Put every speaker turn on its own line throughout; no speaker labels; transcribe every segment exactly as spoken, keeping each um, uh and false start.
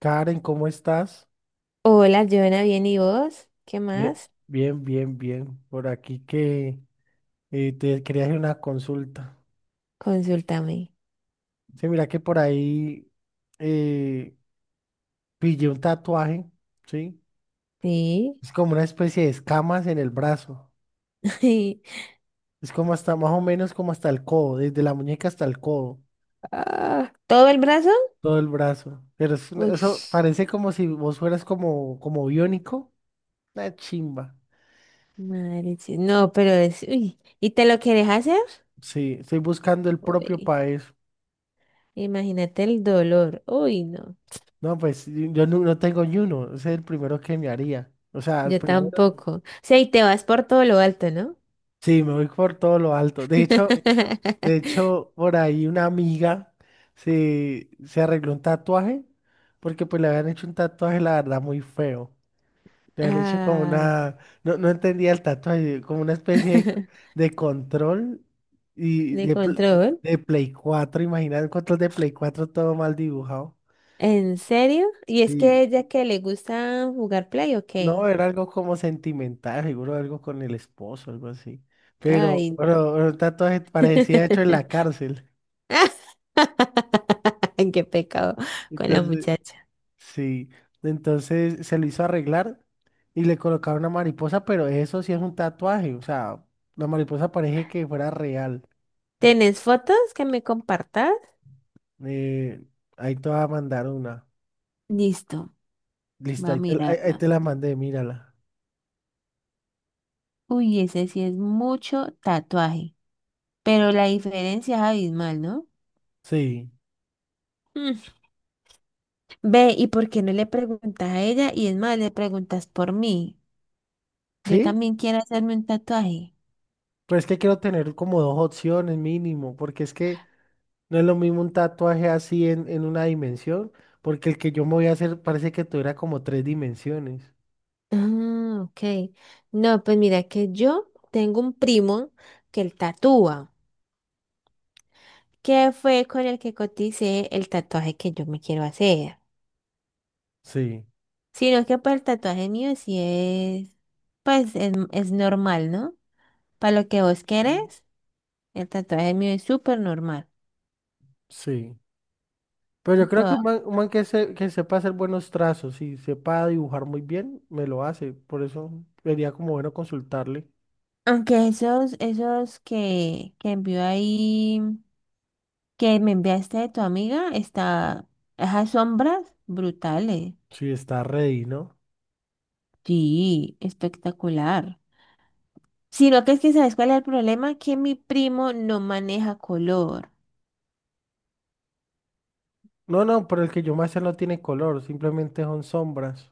Karen, ¿cómo estás?
Hola, Joana, bien, ¿y vos? ¿Qué
Bien,
más?
bien, bien. bien. Por aquí que eh, te quería hacer una consulta.
Consúltame.
Sí, mira que por ahí eh, pillé un tatuaje, ¿sí?
Sí.
Es como una especie de escamas en el brazo. Es como hasta más o menos como hasta el codo, desde la muñeca hasta el codo,
Ah, ¿todo el brazo?
todo el brazo. Pero es una-
Uy,
eso parece como si vos fueras como, como biónico. Una chimba.
madre. Sí. No, pero es. Uy. ¿Y te lo querés hacer?
Sí, estoy buscando el propio
Uy,
país.
imagínate el dolor. Uy, no.
No, pues yo no, no tengo ni uno, ese es el primero que me haría. O sea, el
Yo
primero,
tampoco. O sea, y te vas por todo lo alto, ¿no?
sí, me voy por todo lo alto. De hecho, de hecho, por ahí una amiga se, se arregló un tatuaje, porque pues le habían hecho un tatuaje, la verdad, muy feo. Le habían hecho como
Ay, no.
una, no, no entendía el tatuaje, como una especie de, de control y
De
de, pl-
control.
de Play cuatro imagínate, un control de Play cuatro todo mal dibujado.
¿En serio? ¿Y es que
Sí,
ella que le gusta jugar play o
no,
qué?
era algo como sentimental, seguro algo con el esposo, algo así. Pero,
Ay,
pero el tatuaje
no.
parecía hecho en la cárcel.
Qué pecado con la
Entonces,
muchacha.
sí. Entonces se lo hizo arreglar y le colocaron una mariposa, pero eso sí es un tatuaje. O sea, la mariposa parece que fuera real.
¿Tienes fotos que me compartas?
Eh, ahí te va a mandar una.
Listo,
Listo,
va a
ahí te, la- ahí- ahí
mirarla.
te la mandé, mírala.
Uy, ese sí es mucho tatuaje, pero la diferencia es abismal, ¿no?
Sí.
Mm. Ve, ¿y por qué no le preguntas a ella? Y es más, le preguntas por mí. Yo
¿Sí?
también quiero hacerme un tatuaje.
Pero es que quiero tener como dos opciones mínimo, porque es que no es lo mismo un tatuaje así en, en una dimensión, porque el que yo me voy a hacer parece que tuviera como tres dimensiones.
Ah, ok. No, pues mira que yo tengo un primo que él tatúa, que fue con el que coticé el tatuaje que yo me quiero hacer.
Sí,
Sino es que pues el tatuaje mío sí es, pues es, es normal, ¿no? Para lo que vos querés, el tatuaje mío es súper normal.
sí. Pero yo creo que un
Todo-
man, un man que, se, que sepa hacer buenos trazos y sepa dibujar muy bien, me lo hace. Por eso sería como bueno consultarle.
Aunque esos, esos que, que envió ahí, que me enviaste de tu amiga, está, esas sombras brutales.
Si está ready, ¿no?
Sí, espectacular. Sino que es que, ¿sabes cuál es el problema? Que mi primo no maneja color.
No, no, pero el que yo me hacer no tiene color, simplemente son sombras.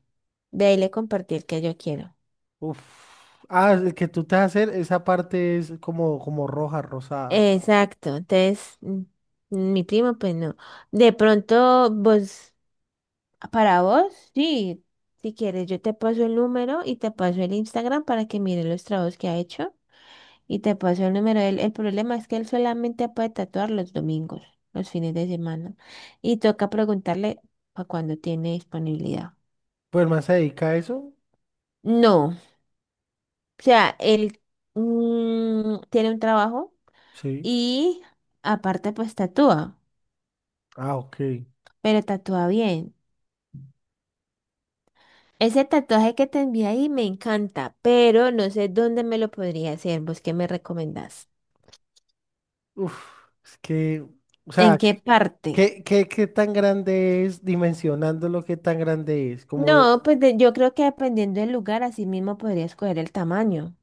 De ahí le compartí el que yo quiero.
Uf. Ah, el que tú te vas a hacer, esa parte es como, como roja, rosada.
Exacto, entonces mm, mi primo pues no. De pronto vos, para vos, sí, si quieres yo te paso el número y te paso el Instagram para que mires los trabajos que ha hecho y te paso el número. El, el problema es que él solamente puede tatuar los domingos, los fines de semana y toca preguntarle para cuándo tiene disponibilidad.
Pues más se dedica a eso.
No, o sea, él mm, tiene un trabajo
Sí.
y aparte pues tatúa,
Ah, ok.
pero tatúa bien. Ese tatuaje que te envié ahí me encanta, pero no sé dónde me lo podría hacer. ¿Vos qué me recomendás?
Uf, es que, o
¿En
sea,
qué
¿qué,
parte?
qué, qué- ¿qué tan grande es, dimensionándolo, qué tan grande es? Como,
No, pues de- yo creo que dependiendo del lugar, así mismo podría escoger el tamaño.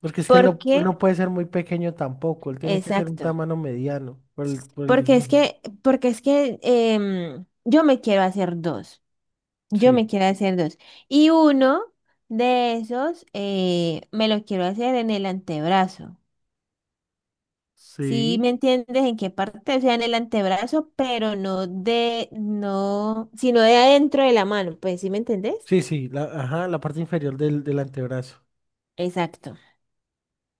porque es que él no, él
Porque,
no puede ser muy pequeño tampoco, él tiene que ser un
exacto.
tamaño mediano por el, por el
Porque es
dibujo.
que, porque es que em, yo me quiero hacer dos. Yo
Sí.
me quiero hacer dos. Y uno de esos eh, me lo quiero hacer en el antebrazo. Sí,
Sí,
¿me entiendes en qué parte? O sea, en el antebrazo, pero no de, no, sino de adentro de la mano, pues, ¿sí me entendés?
sí, sí, la, ajá, la parte inferior del, del antebrazo.
Exacto.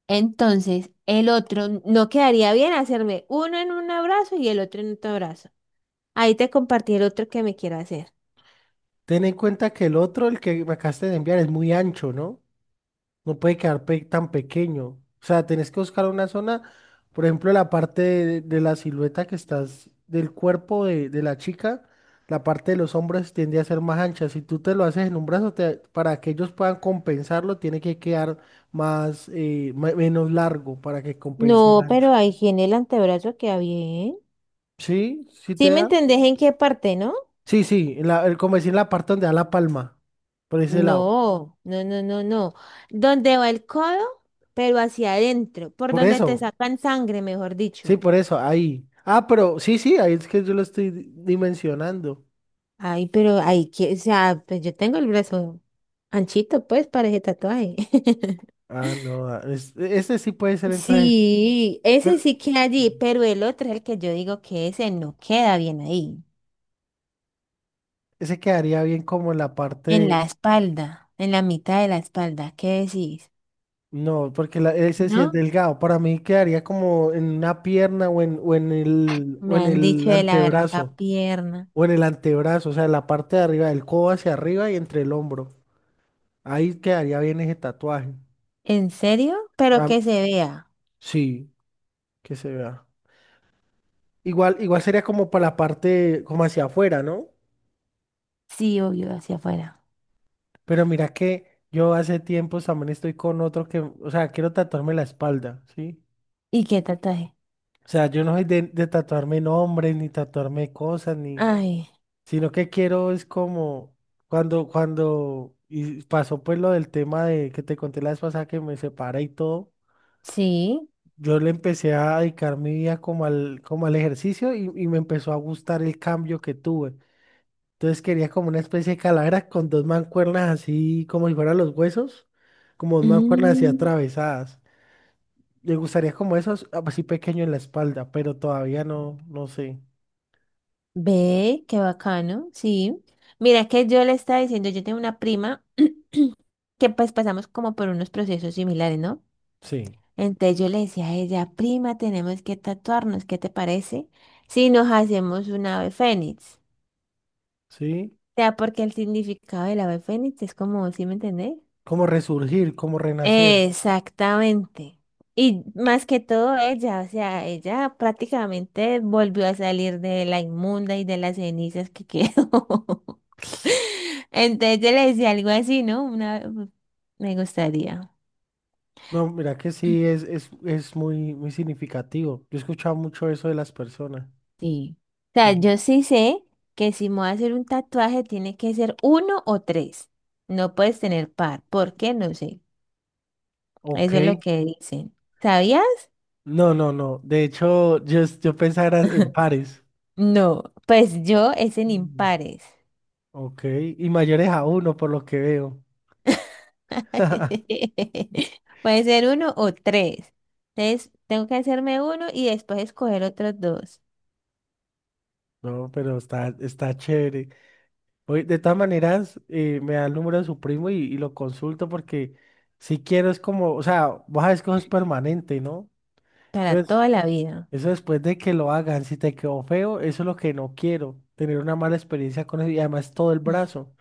Entonces, el otro no quedaría bien hacerme uno en un abrazo y el otro en otro brazo. Ahí te compartí el otro que me quiero hacer.
Ten en cuenta que el otro, el que me acabaste de enviar, es muy ancho, ¿no? No puede quedar pe- tan pequeño. O sea, tenés que buscar una zona, por ejemplo, la parte de, de la silueta que estás del cuerpo de, de la chica, la parte de los hombros tiende a ser más ancha. Si tú te lo haces en un brazo, te- para que ellos puedan compensarlo, tiene que quedar más, eh, me- menos largo para que compense el
No,
ancho.
pero ahí en el antebrazo queda bien.
¿Sí? ¿Sí te
¿Sí me
da?
entendés en qué parte, no?
Sí, sí, en la, el, como decir, en la parte donde da la palma, por ese lado.
No, no, no, no, no. ¿Dónde va el codo? Pero hacia adentro, por
Por
donde te
eso,
sacan sangre, mejor
sí,
dicho.
por eso, ahí. Ah, pero sí, sí, ahí es que yo lo estoy di- dimensionando.
Ay, pero ahí, que- o sea, pues yo tengo el brazo anchito, pues, para ese tatuaje.
Ah, no, ah, es- ese sí puede ser entonces,
Sí, ese
pero
sí queda allí, pero el otro es el que yo digo que ese no queda bien ahí,
ese quedaría bien como en la parte
en
de-
la espalda, en la mitad de la espalda. ¿Qué decís?
no, porque la- ese sí es
¿No?
delgado, para mí quedaría como en una pierna o en, o en el, o
Me
en
han
el
dicho de la berraca
antebrazo,
pierna.
o en el antebrazo, o sea, la parte de arriba del codo hacia arriba y entre el hombro, ahí quedaría bien ese tatuaje.
¿En serio? Pero
Ah,
que se vea.
sí, que se vea, igual, igual sería como para la parte, como hacia afuera, ¿no?
Sí, obvio, hacia afuera.
Pero mira que yo hace tiempos también estoy con otro que, o sea, quiero tatuarme la espalda, ¿sí?
¿Y qué tatuaje?
O sea, yo no soy de, de tatuarme nombres, ni tatuarme cosas, ni,
Ay,
sino que quiero es como cuando, cuando y pasó pues lo del tema de que te conté la vez pasada que me separé y todo,
sí.
yo le empecé a dedicar mi vida como al, como al ejercicio y, y me empezó a gustar el cambio que tuve. Entonces quería como una especie de calavera con dos mancuernas así como si fueran los huesos, como dos mancuernas así
Mm.
atravesadas. Me gustaría como esos ah, así pequeño en la espalda, pero todavía no, no sé.
Ve, qué bacano, sí. Mira que yo le estaba diciendo, yo tengo una prima que pues pasamos como por unos procesos similares, ¿no?
Sí,
Entonces yo le decía a ella, prima, tenemos que tatuarnos, ¿qué te parece? Si nos hacemos un ave fénix.
sí.
O sea, porque el significado del ave fénix es como, ¿sí me entendés?
Como resurgir, como renacer.
Exactamente. Y más que todo ella, o sea, ella prácticamente volvió a salir de la inmunda y de las cenizas que quedó. Entonces yo le decía algo así, ¿no? Una, me gustaría.
No, mira que sí es, es, es muy, muy significativo. Yo he escuchado mucho eso de las personas.
Sí. O sea,
Ujú.
yo sí sé que si me voy a hacer un tatuaje tiene que ser uno o tres. No puedes tener par. ¿Por qué? No sé.
Ok.
Eso es lo que dicen. ¿Sabías?
No, no, no. De hecho, yo, es- yo pensaba era en pares.
No. Pues yo es en
Mm.
impares.
Ok. Y mayores a uno, por lo que veo.
Puede ser uno o tres. Entonces, tengo que hacerme uno y después escoger otros dos
No, pero está, está chévere. Oye, de todas maneras, eh, me da el número de su primo y, y lo consulto porque si quiero es como, o sea, vos sabes que eso es permanente, ¿no?
para
Entonces,
toda la vida.
eso después de que lo hagan, si te quedó feo, eso es lo que no quiero, tener una mala experiencia con eso y además todo el brazo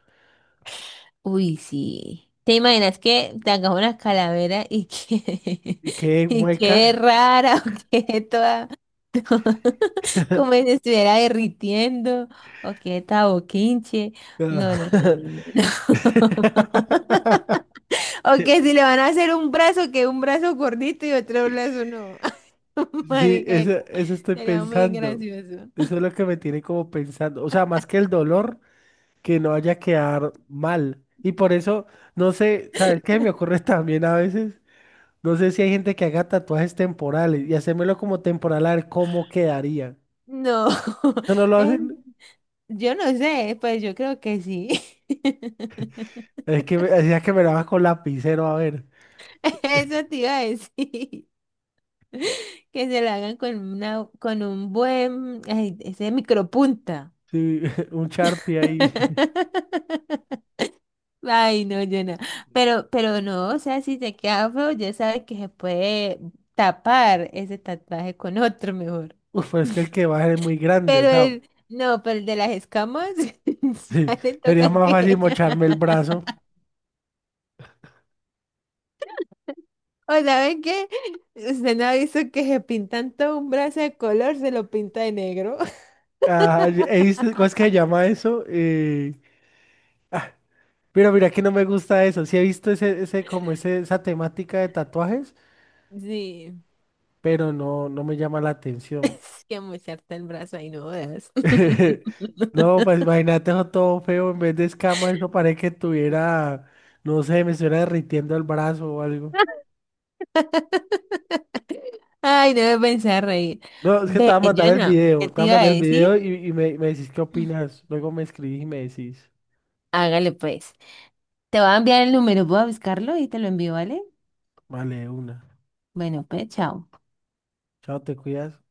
Uy, sí. ¿Te imaginas que te hagas una calavera y que
y quede
y quede
mueca.
rara o quede toda como si se estuviera derritiendo o quede toda boquinche?
No.
No, no, no, no, no. No. O que si le van a hacer un brazo, que un brazo gordito y otro brazo no.
Sí,
Marica,
eso,
sería
eso estoy
sería muy
pensando.
gracioso.
Eso es lo que me tiene como pensando. O sea, más que el dolor, que no vaya a quedar mal. Y por eso, no sé, ¿sabes qué me ocurre también a veces? No sé si hay gente que haga tatuajes temporales y hacérmelo como temporal a ver cómo quedaría.
No,
¿Eso no lo
es-
hacen?
yo no sé, pues yo creo que sí.
Es que me, decía que me lo haga con lapicero, a ver.
Eso te iba a decir, que se la hagan con una, con un buen, ay, ese micropunta.
Sí, un Sharpie ahí.
Ay, no, yo no. Pero, pero no, o sea, si te queda feo, ya sabes que se puede tapar ese tatuaje con otro mejor.
Uf, pero es que el que va a ser es muy grande, o
Pero
sea,
el, no, pero el de las escamas, a le
sería
toca
más fácil
que.
mocharme el brazo.
O ¿saben qué? Usted no ha visto que se pintan todo un brazo de color, se lo pinta de negro.
Ah, y- he visto, ¿cómo es que se llama eso? Eh, ah, pero mira que no me gusta eso. Sí he visto ese, ese, como ese, esa temática de tatuajes
Sí,
pero no, no me llama la atención.
es que mocharte el brazo ahí no veas.
No, pues imagínate eso todo feo, en vez de escama, eso parece que tuviera, no sé, me estuviera derritiendo el brazo o algo.
Ay, no me pensé a reír.
No, es que te
Ve,
voy a mandar el
Jonah,
video,
¿qué
te
te
voy a
iba a
mandar el
decir?
video y, y me, me decís qué opinas. Luego me escribís y me decís,
Hágale pues. Te voy a enviar el número, voy a buscarlo y te lo envío, ¿vale?
vale, de una.
Bueno, pues, chao.
Chao, te cuidas.